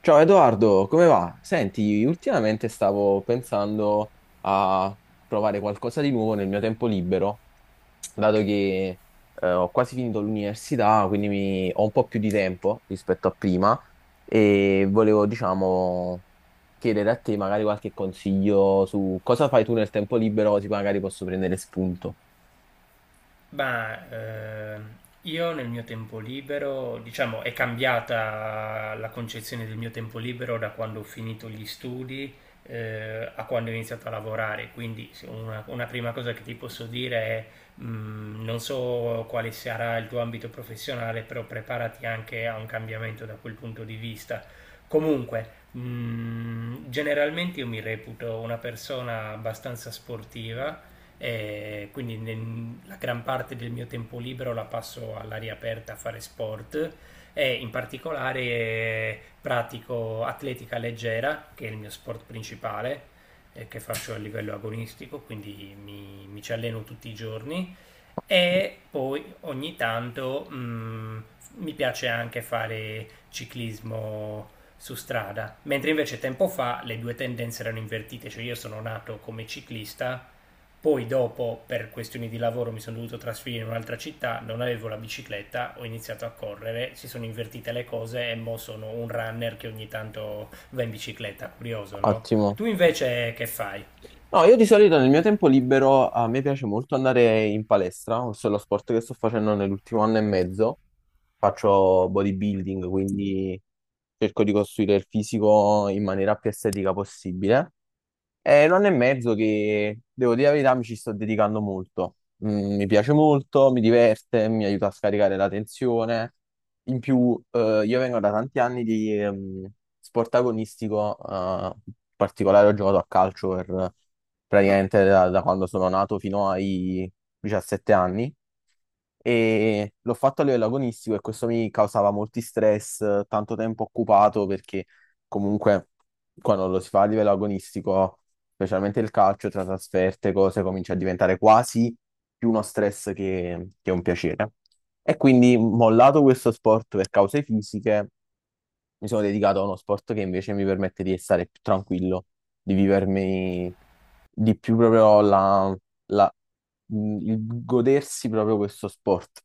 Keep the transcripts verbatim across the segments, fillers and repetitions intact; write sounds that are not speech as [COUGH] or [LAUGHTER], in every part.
Ciao Edoardo, come va? Senti, ultimamente stavo pensando a provare qualcosa di nuovo nel mio tempo libero, dato che eh, ho quasi finito l'università, quindi mi- ho un po' più di tempo rispetto a prima e volevo, diciamo, chiedere a te magari qualche consiglio su cosa fai tu nel tempo libero, così magari posso prendere spunto. Ma ehm, io nel mio tempo libero, diciamo, è cambiata la concezione del mio tempo libero da quando ho finito gli studi, eh, a quando ho iniziato a lavorare. Quindi se una, una prima cosa che ti posso dire è, mh, non so quale sarà il tuo ambito professionale, però preparati anche a un cambiamento da quel punto di vista. Comunque, mh, generalmente io mi reputo una persona abbastanza sportiva, eh, quindi nel- la gran parte del mio tempo libero la passo all'aria aperta a fare sport e in particolare eh, pratico atletica leggera, che è il mio sport principale, eh, che faccio a livello agonistico, quindi mi, mi ci alleno tutti i giorni e poi ogni tanto mm, mi piace anche fare ciclismo su strada, mentre invece tempo fa le due tendenze erano invertite, cioè io sono nato come ciclista, poi dopo per questioni di lavoro mi sono dovuto trasferire in un'altra città, non avevo la bicicletta, ho iniziato a correre, si sono invertite le cose e mo sono un runner che ogni tanto va in bicicletta, curioso, no? Ottimo. Tu invece che fai? No, io di solito nel mio tempo libero a me piace molto andare in palestra, questo è lo sport che sto facendo nell'ultimo anno e mezzo. Faccio bodybuilding, quindi cerco di costruire il fisico in maniera più estetica possibile. È un anno e mezzo che, devo dire la verità, mi ci sto dedicando molto. Mm, mi piace molto, mi diverte, mi aiuta a scaricare la tensione. In più, eh, io vengo da tanti anni di ehm, sport agonistico, eh, in particolare ho giocato a calcio per eh, praticamente da, da quando sono nato fino ai diciassette anni e l'ho fatto a livello agonistico e questo mi causava molti stress, eh, tanto tempo occupato perché comunque quando lo si fa a livello agonistico specialmente il calcio tra trasferte, cose, comincia a diventare quasi più uno stress che, che un piacere. E quindi, mollato questo sport per cause fisiche, mi sono dedicato a uno sport che invece mi permette di stare più tranquillo, di vivermi di più proprio la, la- il godersi proprio questo sport.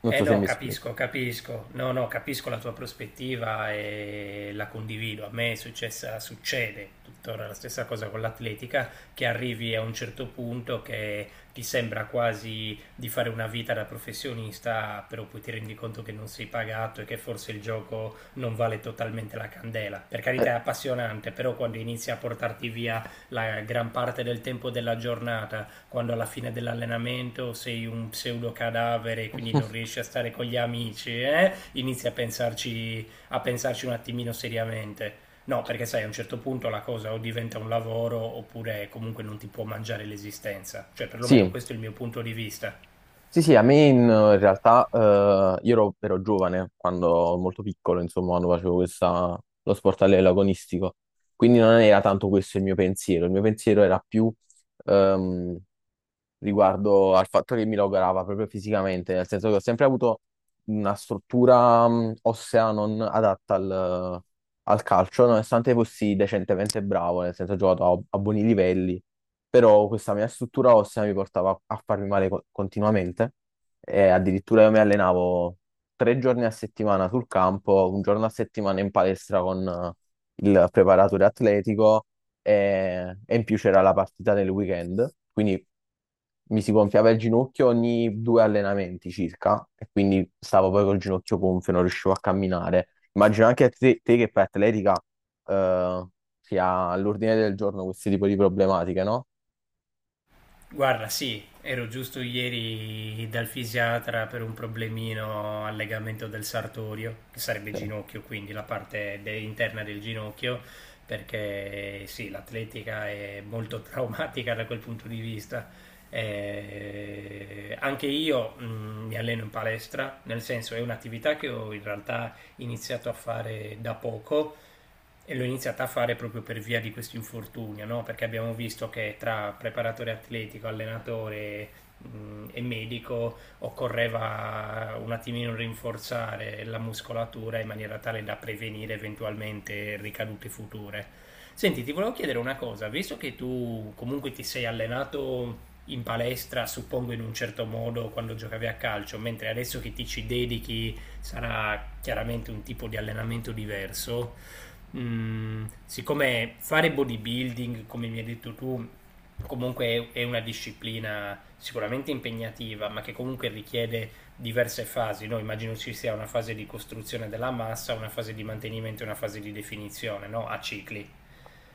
Non Eh so se no, mi spiego. capisco, capisco. No, no, capisco la tua prospettiva e la condivido. A me è successa, succede tuttora la stessa cosa con l'atletica, che arrivi a un certo punto che ti sembra quasi di fare una vita da professionista, però poi ti rendi conto che non sei pagato e che forse il gioco non vale totalmente la candela. Per carità è appassionante, però quando inizi a portarti via la gran parte del tempo della giornata, quando alla fine dell'allenamento sei un pseudo cadavere e quindi non [LAUGHS] riesci a stare con gli amici, eh? Inizi a pensarci, a pensarci un attimino seriamente. No, perché sai, a un certo punto la cosa o diventa un lavoro oppure comunque non ti può mangiare l'esistenza. Cioè, perlomeno Sì, questo è il mio punto di vista. sì, sì, a me in in realtà eh, io ero, ero giovane quando molto piccolo, insomma, quando facevo questa, lo sport all'agonistico, quindi non era tanto questo il mio pensiero, il mio pensiero era più ehm, riguardo al fatto che mi logorava proprio fisicamente, nel senso che ho sempre avuto una struttura mh, ossea non adatta al, al calcio, nonostante fossi decentemente bravo, nel senso ho giocato a, a buoni livelli, però questa mia struttura ossea mi portava a farmi male co- continuamente e addirittura io mi allenavo tre giorni a settimana sul campo, un giorno a settimana in palestra con eh, il preparatore atletico e, e in più c'era la partita nel weekend, quindi mi si gonfiava il ginocchio ogni due allenamenti circa e quindi stavo poi col ginocchio gonfio, non riuscivo a camminare. Immagino anche a te, te che fai atletica eh, sia all'ordine del giorno questo tipo di problematiche, no? Guarda, sì, ero giusto ieri dal fisiatra per un problemino al legamento del sartorio, che sarebbe Sì. ginocchio, quindi la parte de- interna del ginocchio, perché sì, l'atletica è molto [LAUGHS] traumatica da quel punto di vista. Eh, anche io mh, mi alleno in palestra, nel senso è un'attività che ho in realtà iniziato a fare da poco e l'ho iniziata a fare proprio per via di questo infortunio, no? Perché abbiamo visto che tra preparatore atletico, allenatore, mh, e medico occorreva un attimino rinforzare la muscolatura in maniera tale da prevenire eventualmente ricadute future. Senti, ti volevo chiedere una cosa, visto che tu comunque ti sei allenato in palestra, suppongo in un certo modo quando giocavi a calcio, mentre adesso che ti ci dedichi sarà chiaramente un tipo di allenamento diverso. Mm, siccome fare bodybuilding, come mi hai detto tu, comunque è una disciplina sicuramente impegnativa, ma che comunque richiede diverse fasi, no? Immagino ci sia una fase di costruzione della massa, una fase di mantenimento e una fase di definizione, no? A cicli.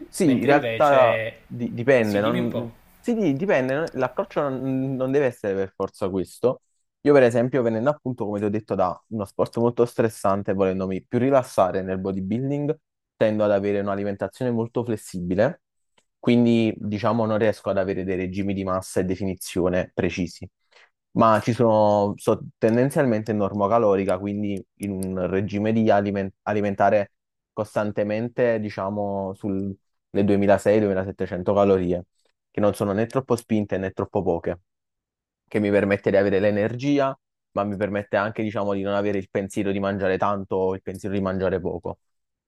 Sì, in Mentre realtà invece, di- dipende, sì, dimmi un non- po'. sì, di- dipende, non- l'approccio non, non deve essere per forza questo. Io per esempio, venendo appunto, come ti ho detto, da uno sport molto stressante, volendomi più rilassare nel bodybuilding, tendo ad avere un'alimentazione molto flessibile, quindi diciamo non riesco ad avere dei regimi di massa e definizione precisi. Ma ci sono, so tendenzialmente normocalorica, quindi in un regime di aliment- alimentare costantemente, diciamo, le duemilaseicento a duemilasettecento calorie, che non sono né troppo spinte né troppo poche che mi permette di avere l'energia, ma mi permette anche, diciamo, di non avere il pensiero di mangiare tanto o il pensiero di mangiare poco.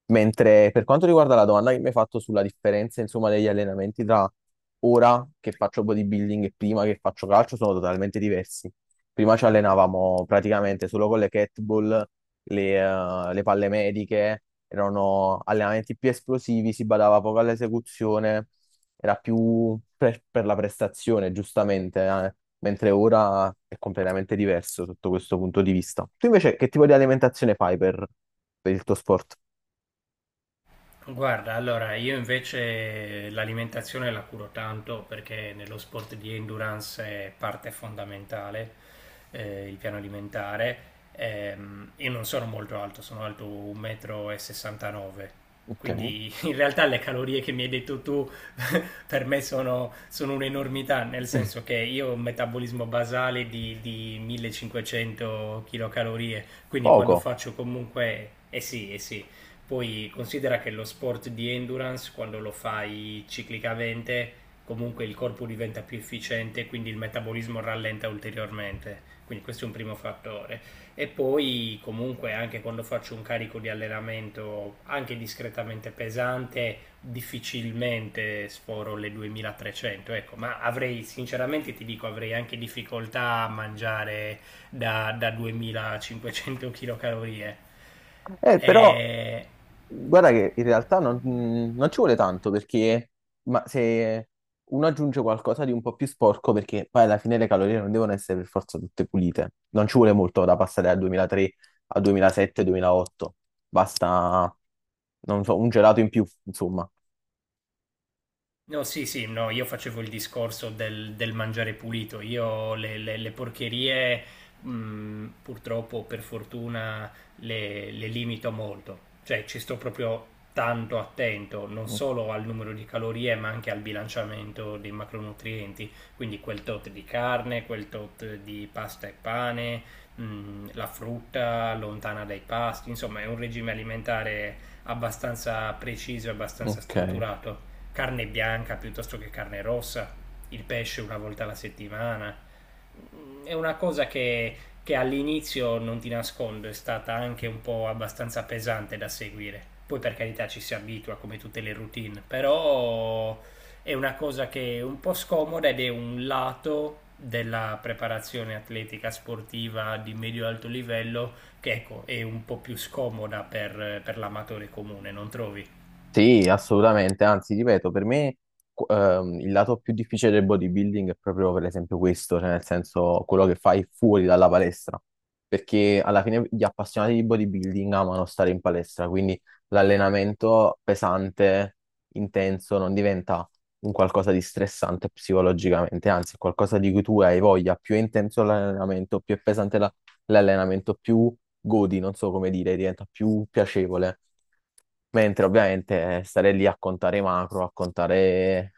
Mentre per quanto riguarda la domanda che mi hai fatto sulla differenza, insomma, degli allenamenti tra ora che faccio bodybuilding e prima che faccio calcio, sono totalmente diversi. Prima ci allenavamo praticamente solo con le kettlebell, le, eh, le palle mediche, erano allenamenti più esplosivi, si badava poco all'esecuzione, era più per, per la prestazione, giustamente, eh, mentre ora è completamente diverso sotto questo punto di vista. Tu invece che tipo di alimentazione fai per, per il tuo sport? Guarda, allora io invece l'alimentazione la curo tanto perché nello sport di endurance è parte fondamentale, eh, il piano alimentare. Ehm, io non sono molto alto, sono alto uno virgola sessantanove m, Ok. quindi [LAUGHS] in realtà le calorie che mi hai detto tu [LAUGHS] per me sono, sono un'enormità, nel senso che [LAUGHS] io ho un metabolismo basale di, di millecinquecento kcal, quindi quando Poco. faccio comunque, eh sì, eh sì, poi considera che lo sport di endurance, quando lo fai ciclicamente, comunque il corpo diventa più efficiente, quindi il metabolismo rallenta ulteriormente. Quindi questo è un primo fattore. E poi comunque anche quando faccio un carico di allenamento anche discretamente pesante, difficilmente sforo le duemilatrecento, ecco, ma avrei, sinceramente ti dico, avrei anche difficoltà a mangiare da, da duemilacinquecento kcal. Eh, E però, [LAUGHS] guarda che in realtà non, non ci vuole tanto perché, ma se uno aggiunge qualcosa di un po' più sporco, perché poi alla fine le calorie non devono essere per forza tutte pulite, non ci vuole molto da passare dal duemilatré al duemilasette, duemilaotto, basta, non so, un gelato in più, insomma. no, sì, sì, no, io facevo il discorso del, del mangiare pulito. Io le, le- le porcherie, mh, purtroppo, per fortuna, le, le limito molto. Cioè, ci sto proprio tanto attento, non Mm, solo al numero di calorie, ma anche al bilanciamento dei macronutrienti. Quindi quel tot di carne, quel tot di pasta e pane, mh, la frutta lontana dai pasti. Insomma, è un regime alimentare abbastanza preciso e abbastanza ok. strutturato, carne bianca piuttosto che carne rossa, il pesce una volta alla settimana. È una cosa che, che all'inizio, non ti nascondo, è stata anche un po' abbastanza pesante da seguire. Poi per carità ci si abitua come tutte le routine, però è una cosa che è un po' scomoda ed è un lato della preparazione atletica sportiva di medio-alto livello che, ecco, è un po' più scomoda per, per l'amatore comune, non trovi? Sì, assolutamente, anzi, ripeto, per me qu- ehm, il lato più difficile del bodybuilding è proprio per esempio questo, cioè nel senso quello che fai fuori dalla palestra, perché alla fine gli appassionati di bodybuilding amano stare in palestra, quindi l'allenamento pesante, intenso, non diventa un qualcosa di stressante psicologicamente, anzi, è qualcosa di cui tu hai voglia, più è intenso l'allenamento, più è pesante la- l'allenamento, più godi, non so come dire, diventa più piacevole. Mentre ovviamente eh, stare lì a contare i macro, a contare,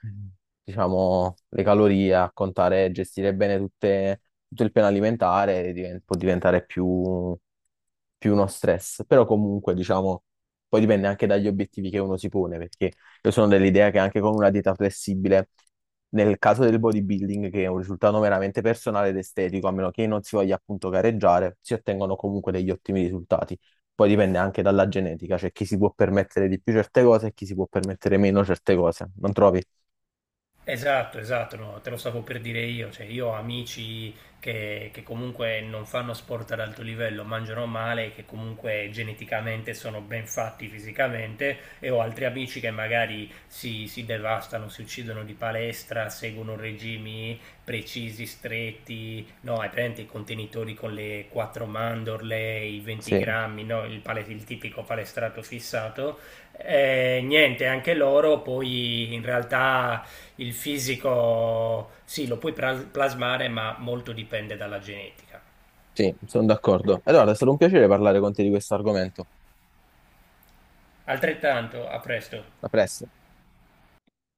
diciamo, le calorie, a contare, gestire bene tutte- tutto il piano alimentare diven- può diventare più, più uno stress. Però comunque, diciamo, poi dipende anche dagli obiettivi che uno si pone, perché io sono dell'idea che anche con una dieta flessibile, nel caso del bodybuilding, che è un risultato meramente personale ed estetico, a meno che non si voglia appunto gareggiare, si ottengono comunque degli ottimi risultati. Poi dipende anche dalla genetica, cioè chi si può permettere di più certe cose e chi si può permettere meno certe cose, non trovi? Esatto, esatto, no, te lo stavo per dire io, cioè io ho amici che, che comunque non fanno sport ad alto livello, mangiano male, che comunque geneticamente sono ben fatti fisicamente e ho altri amici che magari si, si devastano, si uccidono di palestra, seguono regimi precisi, stretti, no, hai presente i contenitori con le quattro mandorle, i venti Sì, grammi, no, il, pale- il tipico palestrato fissato. Eh, niente, anche loro poi in realtà il fisico sì, lo puoi pras- plasmare, ma molto dipende dalla genetica. sì, sono d'accordo. Allora, è stato un piacere parlare con te di questo argomento. Altrettanto, a presto. A presto.